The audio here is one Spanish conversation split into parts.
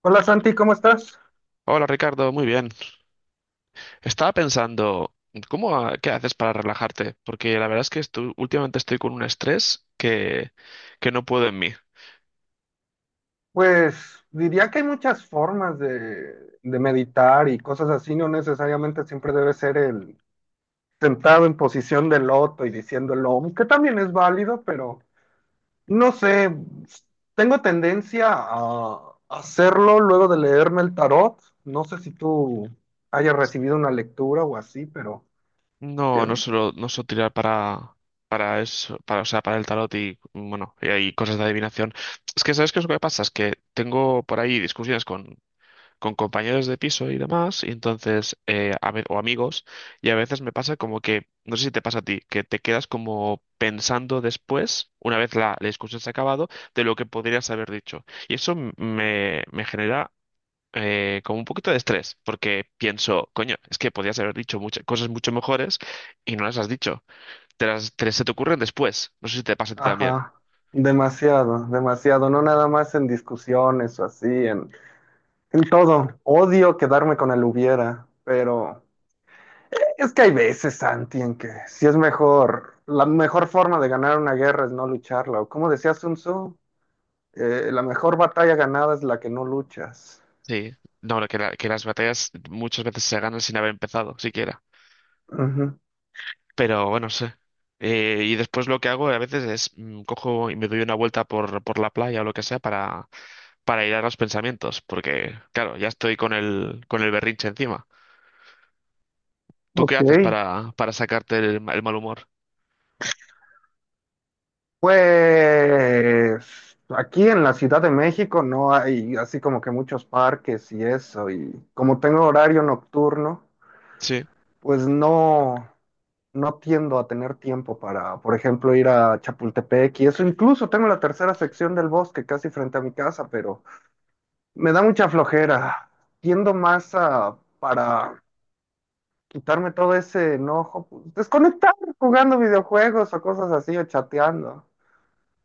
Hola Santi, ¿cómo estás? Hola Ricardo, muy bien. Estaba pensando, ¿ qué haces para relajarte? Porque la verdad es que últimamente estoy con un estrés que no puedo en mí. Pues diría que hay muchas formas de meditar y cosas así, no necesariamente siempre debe ser el sentado en posición de loto y diciendo el OM, que también es válido, pero no sé, tengo tendencia a hacerlo luego de leerme el tarot, no sé si tú hayas recibido una lectura o así, pero No, eh, no suelo tirar para eso, para el tarot y bueno, y hay cosas de adivinación. Es que, ¿sabes qué es lo que pasa? Es que tengo por ahí discusiones con compañeros de piso y demás, y entonces, o amigos, y a veces me pasa como que, no sé si te pasa a ti, que te quedas como pensando después, una vez la discusión se ha acabado, de lo que podrías haber dicho. Y eso me genera como un poquito de estrés, porque pienso, coño, es que podrías haber dicho muchas cosas mucho mejores y no las has dicho. Se te ocurren después. No sé si te pasa a ti también. ajá, demasiado, demasiado, no nada más en discusiones o así, en todo. Odio quedarme con el hubiera, pero es que hay veces, Santi, en que si es mejor, la mejor forma de ganar una guerra es no lucharla. O como decía Sun Tzu, la mejor batalla ganada es la que no luchas. Sí. No, que las batallas muchas veces se ganan sin haber empezado, siquiera. Ujú. Pero bueno, no sé. Y después lo que hago a veces es cojo y me doy una vuelta por la playa o lo que sea para aislar los pensamientos, porque claro, ya estoy con con el berrinche encima. ¿Tú qué Ok. haces para sacarte el mal humor? Pues aquí en la Ciudad de México no hay así como que muchos parques y eso. Y como tengo horario nocturno, Sí, pues no, no tiendo a tener tiempo para, por ejemplo, ir a Chapultepec y eso. Incluso tengo la tercera sección del bosque casi frente a mi casa, pero me da mucha flojera. Tiendo más a, para quitarme todo ese enojo, pues, desconectar jugando videojuegos o cosas así o chateando.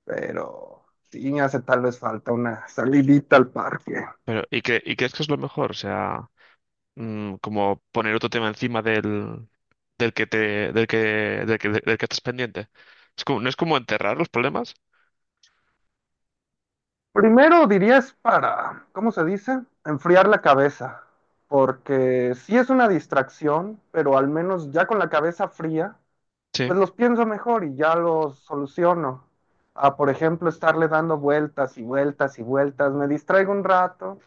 Pero sí me hace tal vez falta una salidita al parque. pero ¿ y crees que es lo mejor? O sea, como poner otro tema encima del, del que te, del que, del que, del que estás pendiente. ¿Es no es como enterrar los problemas? Primero dirías para, ¿cómo se dice? Enfriar la cabeza, porque sí es una distracción, pero al menos ya con la cabeza fría, Sí. pues los pienso mejor y ya los soluciono. A, por ejemplo, estarle dando vueltas y vueltas y vueltas, me distraigo un rato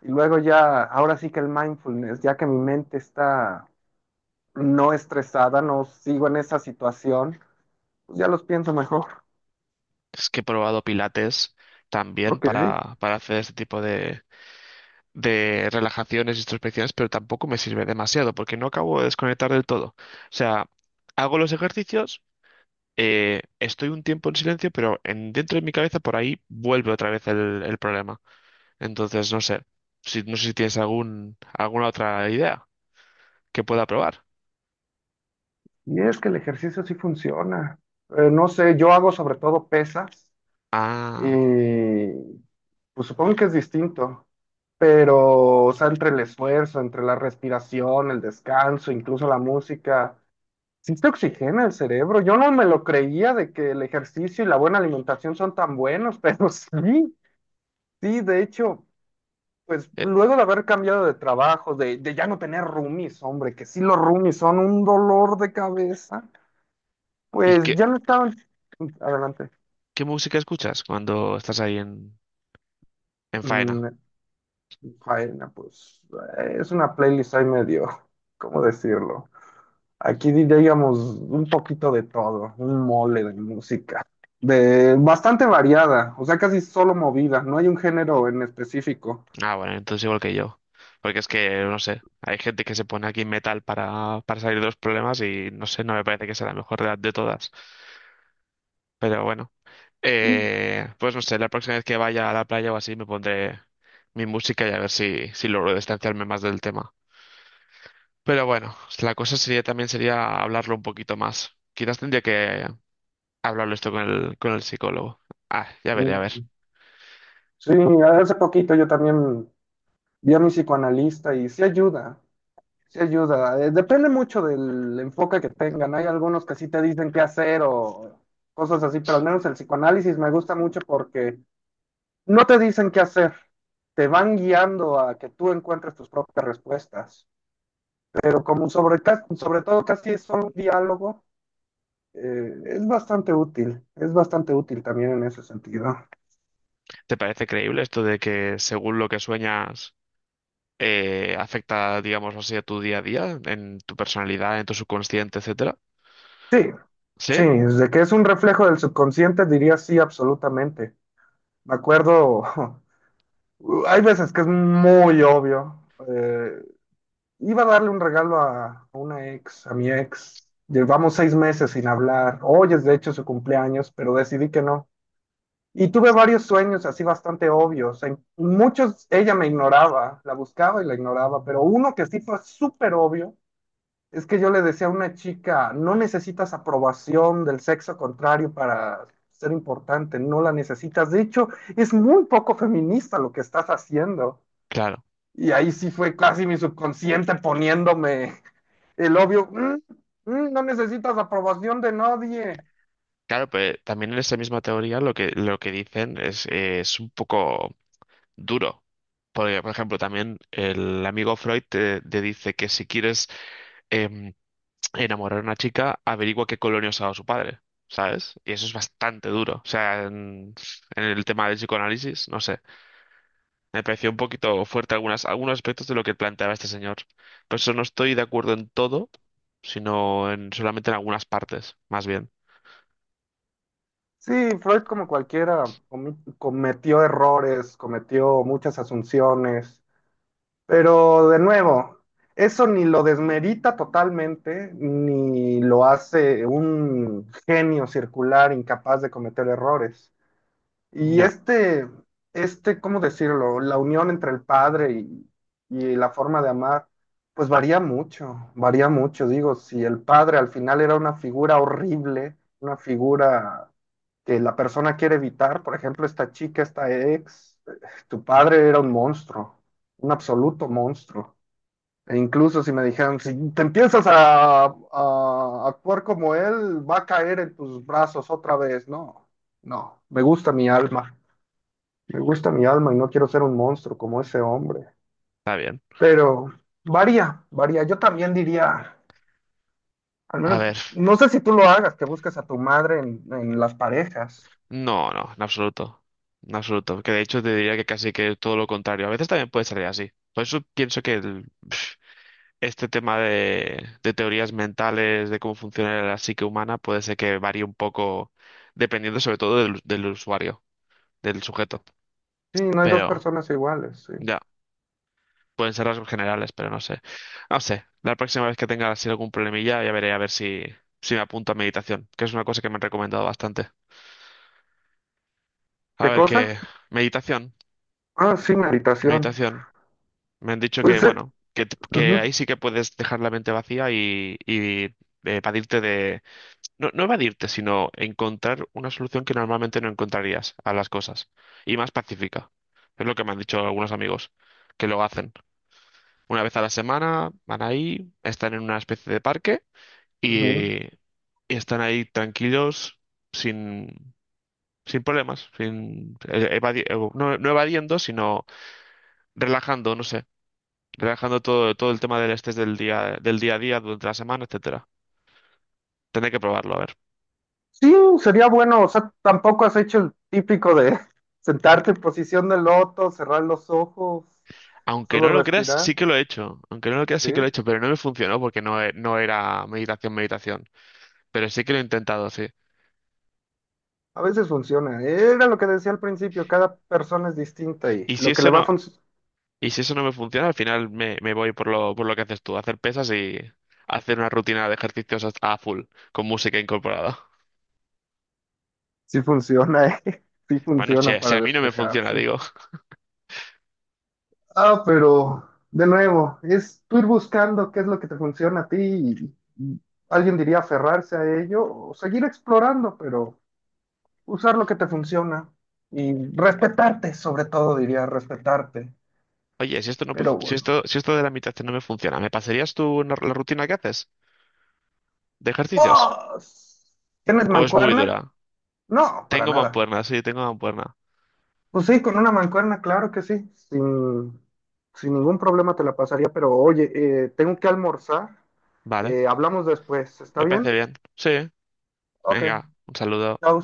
y luego ya, ahora sí que el mindfulness, ya que mi mente está no estresada, no sigo en esa situación, pues ya los pienso mejor. Es que he probado pilates también Ok. Para hacer este tipo de relajaciones, introspecciones, pero tampoco me sirve demasiado porque no acabo de desconectar del todo. O sea, hago los ejercicios, estoy un tiempo en silencio, pero dentro de mi cabeza por ahí vuelve otra vez el problema. Entonces, no sé, si, no sé si tienes alguna otra idea que pueda probar. Y es que el ejercicio sí funciona. No sé, yo hago sobre todo pesas Ah, y pues supongo que es distinto, pero o sea, entre el esfuerzo, entre la respiración, el descanso, incluso la música, sí te oxigena el cerebro. Yo no me lo creía de que el ejercicio y la buena alimentación son tan buenos, pero sí, sí, de hecho, pues eh, luego de haber cambiado de trabajo, de ya no tener roomies, hombre, que sí los roomies son un dolor de cabeza. ¿y Pues qué, ya no estaban. Adelante. qué música escuchas cuando estás ahí en faena? Mm, faena, pues es una playlist ahí medio, ¿cómo decirlo? Aquí diríamos un poquito de todo, un mole de música, de bastante variada, o sea, casi solo movida, no hay un género en específico. Ah, bueno, entonces igual que yo. Porque es que, no sé, hay gente que se pone aquí metal para salir de los problemas y no sé, no me parece que sea la mejor edad de todas. Pero bueno, Mm. Pues no sé, la próxima vez que vaya a la playa o así me pondré mi música y a ver si logro distanciarme más del tema. Pero bueno, la cosa sería también sería hablarlo un poquito más. Quizás tendría que hablarlo esto con con el psicólogo. Ah, ya veré, a ver. Mm, sí, hace poquito yo también vi a mi psicoanalista y sí ayuda. Sí ayuda. Depende mucho del enfoque que tengan. Hay algunos que sí te dicen qué hacer o cosas así, pero al menos el psicoanálisis me gusta mucho porque no te dicen qué hacer. Te van guiando a que tú encuentres tus propias respuestas. Pero como sobre todo casi es solo un diálogo, es bastante útil. Es bastante útil también en ese sentido. ¿Te parece creíble esto de que según lo que sueñas... afecta, digamos así, a tu día a día, en tu personalidad, en tu subconsciente, etcétera? Sí, ¿Sí? sí, desde que es un reflejo del subconsciente diría sí, absolutamente. Me acuerdo hay veces que es muy obvio. Eh, iba a darle un regalo a una ex, a mi ex. Llevamos 6 meses sin hablar. Hoy es de hecho su cumpleaños, pero decidí que no. Y tuve varios sueños así bastante obvios. En muchos ella me ignoraba, la buscaba y la ignoraba, pero uno que sí fue súper obvio es que yo le decía a una chica, no necesitas aprobación del sexo contrario para ser importante, no la necesitas. De hecho, es muy poco feminista lo que estás haciendo. Claro. Y ahí sí fue casi mi subconsciente poniéndome el obvio, "Mm, mm, no necesitas aprobación de nadie". Claro, pero también en esa misma teoría lo que dicen es un poco duro. Porque, por ejemplo, también el amigo Freud te dice que si quieres em, enamorar a una chica, averigua qué colonia usaba su padre, ¿sabes? Y eso es bastante duro. O sea, en el tema del psicoanálisis, no sé. Me pareció un poquito fuerte algunos aspectos de lo que planteaba este señor. Por eso no estoy de acuerdo en todo, solamente en algunas partes, más bien. Sí, Freud como cualquiera cometió errores, cometió muchas asunciones, pero de nuevo, eso ni lo desmerita totalmente, ni lo hace un genio circular incapaz de cometer errores. Y Ya, este, ¿cómo decirlo? La unión entre el padre y la forma de amar, pues varía mucho, varía mucho. Digo, si el padre al final era una figura horrible, una figura que la persona quiere evitar, por ejemplo, esta chica, esta ex, tu padre era un monstruo, un absoluto monstruo. E incluso si me dijeran, si te empiezas a actuar como él, va a caer en tus brazos otra vez. No, no, me gusta mi alma. Me gusta mi alma y no quiero ser un monstruo como ese hombre. está bien. Pero varía, varía. Yo también diría, al A menos, ver, no sé si tú lo hagas, que busques a tu madre en las parejas. no, no, en absoluto. En absoluto. Que de hecho te diría que casi que todo lo contrario. A veces también puede salir así. Por eso pienso que este tema de teorías mentales, de cómo funciona la psique humana, puede ser que varíe un poco dependiendo sobre todo del usuario, del sujeto. Sí, no hay dos Pero, personas iguales, sí. ya. Pueden ser rasgos generales, pero no sé. No sé. La próxima vez que tenga así algún problemilla, ya veré a ver si me apunto a meditación, que es una cosa que me han recomendado bastante. A ¿Qué ver cosa? qué. Meditación, Ah, sí, meditación. meditación. Me han dicho que, Pues, bueno, que ujú, ahí sí que puedes dejar la mente vacía y evadirte de. No, no evadirte, sino encontrar una solución que normalmente no encontrarías a las cosas. Y más pacífica. Es lo que me han dicho algunos amigos que lo hacen. Una vez a la semana van ahí, están en una especie de parque. y, ujú. eh, y están ahí tranquilos, sin, sin problemas, sin, evadi- no, no evadiendo, sino relajando, no sé, relajando todo, todo el tema del estrés del día a día, durante la semana, etcétera. Tendré que probarlo, a ver. Sí, sería bueno, o sea, tampoco has hecho el típico de sentarte en posición de loto, cerrar los ojos, Aunque solo no lo creas, respirar, sí que lo he hecho. Aunque no lo creas, sí que lo he sí. hecho, pero no me funcionó porque no era meditación, meditación. Pero sí que lo he intentado, sí. A veces funciona. Era lo que decía al principio, cada persona es distinta y Y si lo que le eso va a no funcionar, Y si eso no me funciona, al final me voy por por lo que haces tú, hacer pesas y hacer una rutina de ejercicios a full, con música incorporada. sí funciona, ¿eh? Sí Bueno, funciona si para a mí no me funciona, despejarse. digo, Ah, pero de nuevo, es tú ir buscando qué es lo que te funciona a ti y alguien diría aferrarse a ello o seguir explorando, pero usar lo que te funciona y respetarte, sobre todo diría respetarte. oye, si esto no, me fu- Pero bueno. Si esto de la meditación no me funciona, ¿me pasarías tú la rutina que haces de ejercicios? ¿Vos? ¿Tienes ¿O es muy mancuerna? dura? No, para Tengo nada. mancuerna, sí, tengo mancuerna. Pues sí, con una mancuerna, claro que sí, sin, sin ningún problema te la pasaría, pero oye, tengo que almorzar, Vale, hablamos después, ¿está me parece bien? bien. Sí, Ok, venga, un saludo. chao.